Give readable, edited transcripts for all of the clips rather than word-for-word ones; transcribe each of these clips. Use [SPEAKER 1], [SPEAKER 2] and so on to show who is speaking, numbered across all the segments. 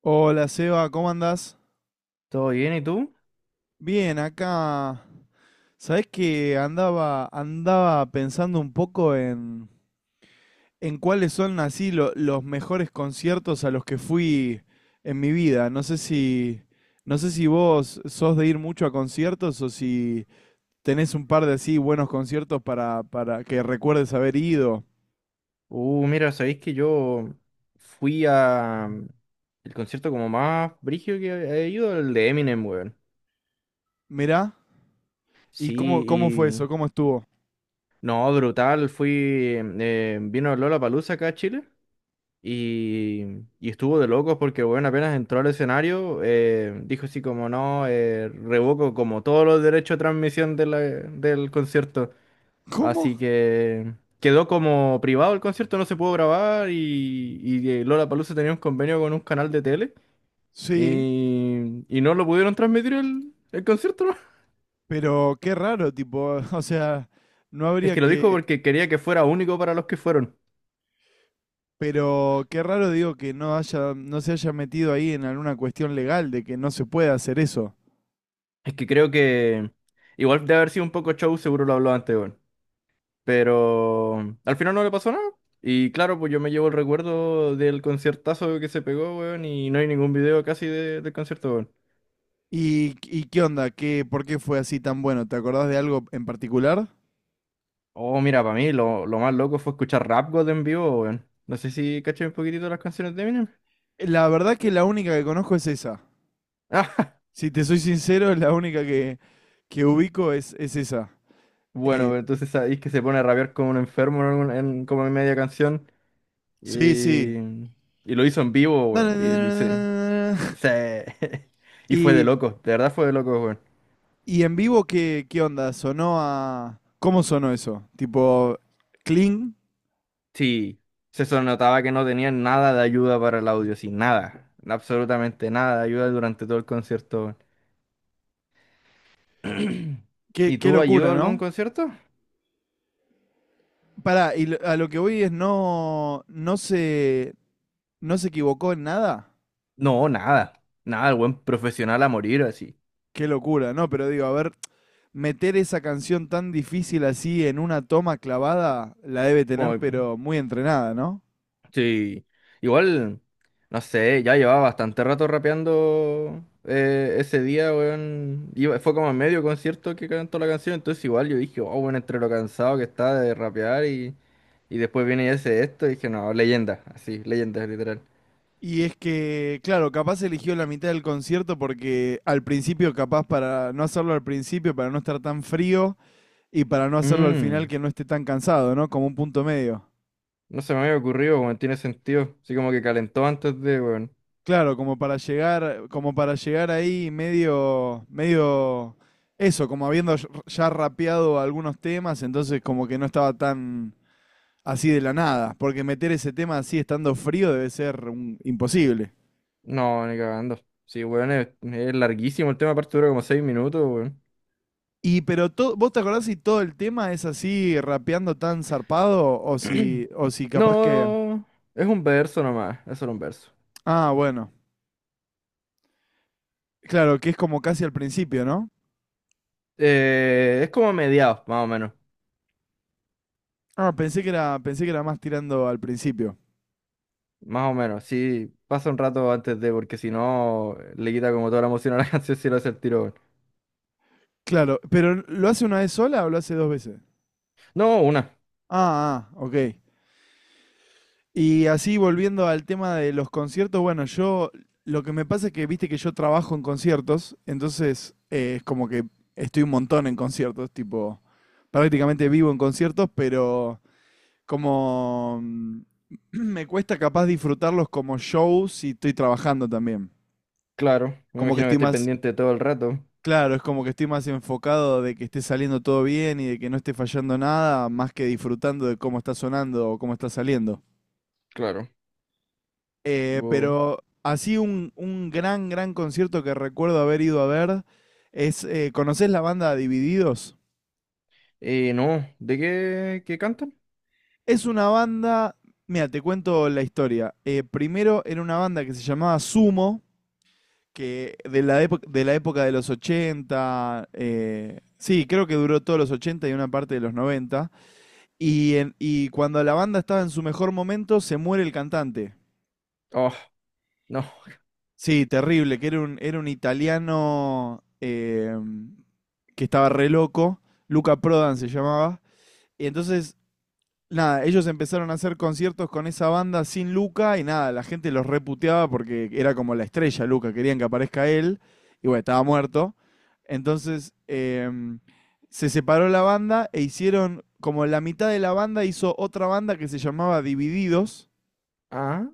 [SPEAKER 1] Hola Seba, ¿cómo andás?
[SPEAKER 2] ¿Todo bien? ¿Y tú?
[SPEAKER 1] Bien, acá. Sabés que andaba pensando un poco en cuáles son así los mejores conciertos a los que fui en mi vida. No sé si vos sos de ir mucho a conciertos o si tenés un par de así buenos conciertos para que recuerdes haber ido.
[SPEAKER 2] Mira, sabéis que yo fui a el concierto como más brígido que he ido, el de Eminem, weón.
[SPEAKER 1] Mirá, ¿y
[SPEAKER 2] Sí,
[SPEAKER 1] cómo fue
[SPEAKER 2] y...
[SPEAKER 1] eso? ¿Cómo estuvo?
[SPEAKER 2] No, brutal, vino Lollapalooza acá a Chile, y, y estuvo de locos porque, weón, apenas entró al escenario, dijo así como, no, revoco como todos los derechos de transmisión de del concierto.
[SPEAKER 1] ¿Cómo?
[SPEAKER 2] Así que quedó como privado el concierto, no se pudo grabar, y Lollapalooza tenía un convenio con un canal de tele,
[SPEAKER 1] Sí,
[SPEAKER 2] y no lo pudieron transmitir el concierto, ¿no?
[SPEAKER 1] pero qué raro, tipo, o sea, no
[SPEAKER 2] Es
[SPEAKER 1] habría
[SPEAKER 2] que lo dijo
[SPEAKER 1] que.
[SPEAKER 2] porque quería que fuera único para los que fueron.
[SPEAKER 1] Pero qué raro digo que no se haya metido ahí en alguna cuestión legal de que no se puede hacer eso.
[SPEAKER 2] Es que creo que igual de haber sido un poco show, seguro lo habló antes, weón. Pero al final no le pasó nada. Y claro, pues yo me llevo el recuerdo del conciertazo que se pegó, weón, y no hay ningún video casi del concierto, weón.
[SPEAKER 1] Y qué onda? ¿Qué, por qué fue así tan bueno? ¿Te acordás de algo en particular?
[SPEAKER 2] Oh, mira, para mí lo más loco fue escuchar Rap God en vivo, weón. No sé si caché un poquitito las canciones de Eminem.
[SPEAKER 1] La verdad que la única que conozco es esa.
[SPEAKER 2] Ah,
[SPEAKER 1] Si te soy sincero, que ubico es esa. Eh,
[SPEAKER 2] bueno, entonces sabéis que se pone a rapear como un enfermo como en media canción.
[SPEAKER 1] sí,
[SPEAKER 2] Y,
[SPEAKER 1] sí.
[SPEAKER 2] y lo hizo en vivo, weón. Y se- y fue de
[SPEAKER 1] Y,
[SPEAKER 2] loco, de verdad fue de loco, weón.
[SPEAKER 1] y en vivo, ¿qué, qué onda? ¿Cómo sonó eso? Tipo, clean.
[SPEAKER 2] Sí, notaba que no tenían nada de ayuda para el audio, sí, nada. Absolutamente nada de ayuda durante todo el concierto, weón.
[SPEAKER 1] Qué,
[SPEAKER 2] ¿Y
[SPEAKER 1] qué
[SPEAKER 2] tú ayuda
[SPEAKER 1] locura,
[SPEAKER 2] a algún
[SPEAKER 1] ¿no?
[SPEAKER 2] concierto?
[SPEAKER 1] Pará, y a lo que voy es no se equivocó en nada.
[SPEAKER 2] No, nada. Nada, el buen profesional a morir así.
[SPEAKER 1] Qué locura, no, pero digo, a ver, meter esa canción tan difícil así en una toma clavada, la debe tener,
[SPEAKER 2] Como,
[SPEAKER 1] pero muy entrenada, ¿no?
[SPEAKER 2] sí. Igual, no sé, ya llevaba bastante rato rapeando ese día, weón. Fue como a medio concierto que cantó la canción, entonces igual yo dije, oh, bueno, entre lo cansado que está de rapear, y después viene y hace esto, y dije, no, leyenda, así, leyenda, literal.
[SPEAKER 1] Y es que, claro, capaz eligió la mitad del concierto porque al principio, capaz para no hacerlo al principio, para no estar tan frío y para no hacerlo al final
[SPEAKER 2] Mm,
[SPEAKER 1] que no esté tan cansado, ¿no? Como un punto medio.
[SPEAKER 2] no se me había ocurrido, weón, tiene sentido. Así como que calentó antes de, weón.
[SPEAKER 1] Claro, como para llegar ahí medio eso, como habiendo ya rapeado algunos temas, entonces como que no estaba tan así de la nada, porque meter ese tema así estando frío debe ser imposible.
[SPEAKER 2] No, ni cagando. Sí, weón, es larguísimo el tema, aparte dura como 6 minutos, weón.
[SPEAKER 1] Y pero ¿vos te acordás si todo el tema es así rapeando tan zarpado o si capaz que
[SPEAKER 2] No, es un verso nomás, es solo un verso.
[SPEAKER 1] Ah, bueno. Claro, que es como casi al principio, ¿no?
[SPEAKER 2] Es como mediados, más o menos.
[SPEAKER 1] Ah, pensé que era más tirando al principio.
[SPEAKER 2] Más o menos, sí, pasa un rato antes de, porque si no, le quita como toda la emoción a la canción si lo hace el tiro, weón.
[SPEAKER 1] Claro, pero ¿lo hace una vez sola o lo hace dos veces?
[SPEAKER 2] No, una,
[SPEAKER 1] Ah, ah, ok. Y así volviendo al tema de los conciertos, bueno, yo lo que me pasa es que viste que yo trabajo en conciertos, entonces es como que estoy un montón en conciertos, tipo, prácticamente vivo en conciertos, pero como me cuesta capaz disfrutarlos como show si estoy trabajando también.
[SPEAKER 2] claro. Me
[SPEAKER 1] Como que
[SPEAKER 2] imagino que
[SPEAKER 1] estoy
[SPEAKER 2] estoy
[SPEAKER 1] más,
[SPEAKER 2] pendiente todo el rato.
[SPEAKER 1] claro, es como que estoy más enfocado de que esté saliendo todo bien y de que no esté fallando nada, más que disfrutando de cómo está sonando o cómo está saliendo.
[SPEAKER 2] Claro. Wow.
[SPEAKER 1] Pero así un gran, gran concierto que recuerdo haber ido a ver es, ¿conocés la banda Divididos?
[SPEAKER 2] No, ¿de qué, qué cantan?
[SPEAKER 1] Es una banda, mira, te cuento la historia. Primero era una banda que se llamaba Sumo, que de la época de los 80 sí, creo que duró todos los 80 y una parte de los noventa. Y, y cuando la banda estaba en su mejor momento, se muere el cantante.
[SPEAKER 2] Oh, no.
[SPEAKER 1] Sí, terrible, que era era un italiano que estaba re loco, Luca Prodan se llamaba, y entonces, nada, ellos empezaron a hacer conciertos con esa banda sin Luca y nada, la gente los reputeaba porque era como la estrella Luca, querían que aparezca él, y bueno, estaba muerto. Entonces, se separó la banda e hicieron, como la mitad de la banda hizo otra banda que se llamaba Divididos,
[SPEAKER 2] Ah,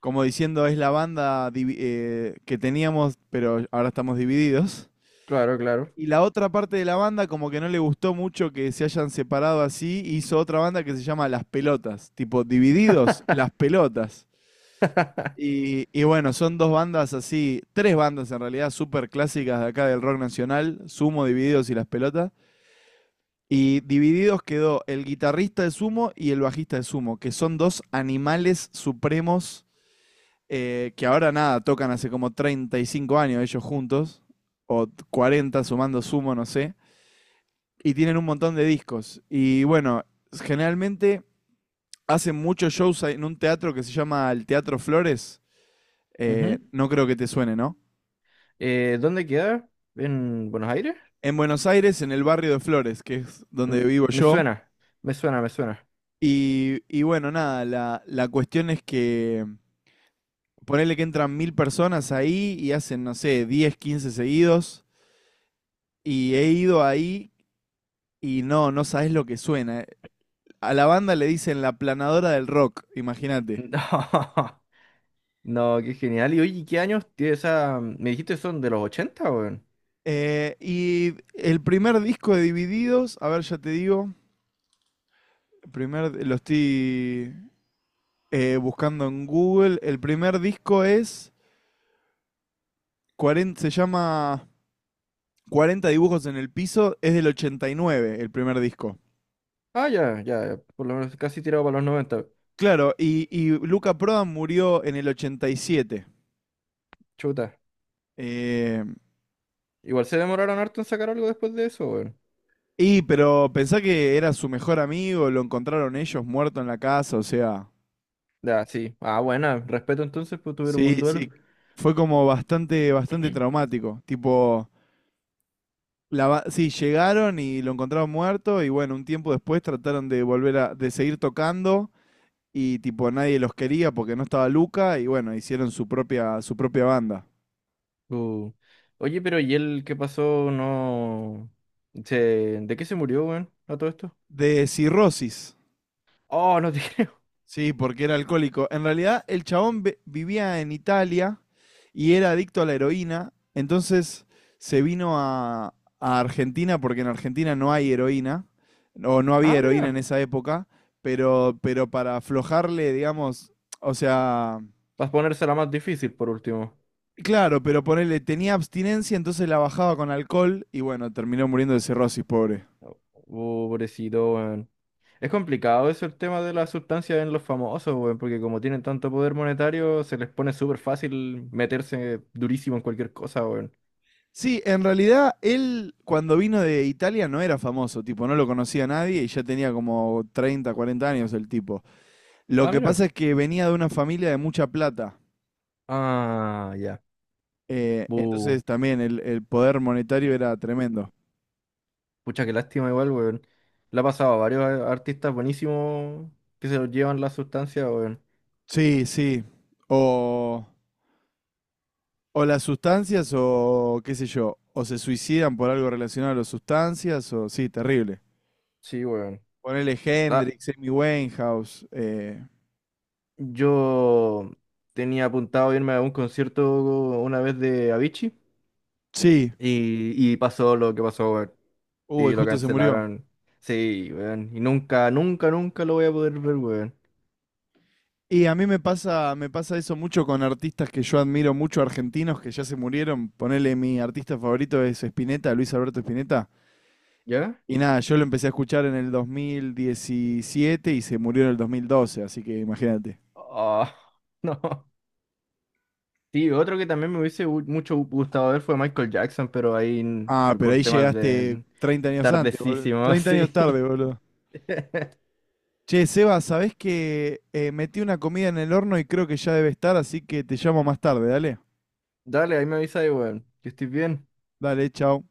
[SPEAKER 1] como diciendo, es la banda que teníamos, pero ahora estamos divididos.
[SPEAKER 2] claro, claro.
[SPEAKER 1] Y la otra parte de la banda, como que no le gustó mucho que se hayan separado así, hizo otra banda que se llama Las Pelotas. Tipo, divididos, Las Pelotas. Y bueno, son dos bandas así, tres bandas en realidad, súper clásicas de acá del rock nacional, Sumo, Divididos y Las Pelotas. Y divididos quedó el guitarrista de Sumo y el bajista de Sumo, que son dos animales supremos, que ahora nada, tocan hace como 35 años ellos juntos, o 40 sumando sumo, no sé, y tienen un montón de discos. Y bueno, generalmente hacen muchos shows en un teatro que se llama el Teatro Flores, no creo que te suene, ¿no?
[SPEAKER 2] ¿Dónde queda? ¿En Buenos Aires?
[SPEAKER 1] En Buenos Aires, en el barrio de Flores, que es
[SPEAKER 2] Mm,
[SPEAKER 1] donde vivo
[SPEAKER 2] Me
[SPEAKER 1] yo.
[SPEAKER 2] suena, me suena, me suena.
[SPEAKER 1] Y bueno, nada, la cuestión es que ponerle que entran 1000 personas ahí y hacen, no sé, 10, 15 seguidos. Y he ido ahí. Y no sabes lo que suena. A la banda le dicen la planadora del rock, imagínate.
[SPEAKER 2] No, no, qué genial. Y oye, ¿qué años tiene esa? ¿Me dijiste son de los 80, weón?
[SPEAKER 1] Y el primer disco de Divididos, a ver, ya te digo, el primer, lo estoy buscando en Google. El primer disco es 40, se llama 40 dibujos en el piso, es del 89 el primer disco.
[SPEAKER 2] Ah, ya, ya, ya, por lo menos casi tirado para los 90.
[SPEAKER 1] Claro, y Luca Prodan murió en el 87.
[SPEAKER 2] Chuta.
[SPEAKER 1] Eh,
[SPEAKER 2] Igual se demoraron harto en sacar algo después de eso, weón.
[SPEAKER 1] Pero pensá que era su mejor amigo, lo encontraron ellos muerto en la casa, o sea,
[SPEAKER 2] Ya, sí. Ah, bueno, respeto entonces, pues tuvieron un
[SPEAKER 1] sí,
[SPEAKER 2] buen duelo.
[SPEAKER 1] sí, fue como bastante, bastante traumático. Tipo, sí, llegaron y lo encontraron muerto y bueno, un tiempo después trataron de volver a, de seguir tocando y tipo nadie los quería porque no estaba Luca y bueno, hicieron su propia banda.
[SPEAKER 2] Uh. Oye, pero ¿y él qué pasó? No. Se... ¿De qué se murió, weón? A todo esto.
[SPEAKER 1] De cirrosis.
[SPEAKER 2] Oh, no te creo.
[SPEAKER 1] Sí, porque era alcohólico. En realidad, el chabón vivía en Italia y era adicto a la heroína. Entonces se vino a Argentina porque en Argentina no hay heroína, o no
[SPEAKER 2] Ah,
[SPEAKER 1] había heroína en
[SPEAKER 2] mira.
[SPEAKER 1] esa época, pero para aflojarle, digamos, o sea,
[SPEAKER 2] Vas a ponérsela más difícil por último.
[SPEAKER 1] claro, pero ponerle, tenía abstinencia, entonces la bajaba con alcohol y bueno, terminó muriendo de cirrosis, pobre.
[SPEAKER 2] Pobrecito, weón. Es complicado eso el tema de las sustancias en los famosos, weón, porque como tienen tanto poder monetario, se les pone súper fácil meterse durísimo en cualquier cosa, weón.
[SPEAKER 1] Sí, en realidad él cuando vino de Italia no era famoso, tipo, no lo conocía nadie y ya tenía como 30, 40 años el tipo. Lo
[SPEAKER 2] Ah,
[SPEAKER 1] que
[SPEAKER 2] mira.
[SPEAKER 1] pasa es que venía de una familia de mucha plata,
[SPEAKER 2] Ah, ya. Bu.
[SPEAKER 1] entonces también el poder monetario era tremendo.
[SPEAKER 2] Pucha, qué lástima igual, weón. Le ha pasado a varios artistas buenísimos que se los llevan las sustancias, weón.
[SPEAKER 1] Sí, sí. O, o las sustancias o qué sé yo, o se suicidan por algo relacionado a las sustancias, o sí, terrible.
[SPEAKER 2] Sí, weón.
[SPEAKER 1] Ponele
[SPEAKER 2] Ah,
[SPEAKER 1] Hendrix, Amy Winehouse,
[SPEAKER 2] yo tenía apuntado irme a un concierto una vez de Avicii
[SPEAKER 1] sí,
[SPEAKER 2] y pasó lo que pasó, weón.
[SPEAKER 1] uy,
[SPEAKER 2] Y lo
[SPEAKER 1] justo se murió.
[SPEAKER 2] cancelaron. Sí, weón. Y nunca, nunca, nunca lo voy a poder ver, weón.
[SPEAKER 1] Y a mí me pasa eso mucho con artistas que yo admiro mucho, argentinos que ya se murieron. Ponele, mi artista favorito es Spinetta, Luis Alberto Spinetta.
[SPEAKER 2] ¿Ya?
[SPEAKER 1] Y nada, yo lo empecé a escuchar en el 2017 y se murió en el 2012, así que imagínate.
[SPEAKER 2] Ah, no. Sí, otro que también me hubiese mucho gustado ver fue Michael Jackson, pero ahí
[SPEAKER 1] Ah, pero
[SPEAKER 2] por
[SPEAKER 1] ahí
[SPEAKER 2] temas
[SPEAKER 1] llegaste
[SPEAKER 2] de
[SPEAKER 1] 30 años antes, boludo.
[SPEAKER 2] tardecísimo,
[SPEAKER 1] 30 años
[SPEAKER 2] sí.
[SPEAKER 1] tarde, boludo. Che, Seba, ¿sabés que metí una comida en el horno y creo que ya debe estar, así que te llamo más tarde, dale?
[SPEAKER 2] Dale, ahí me avisa ahí, weón. Que estés bien.
[SPEAKER 1] Dale, chao.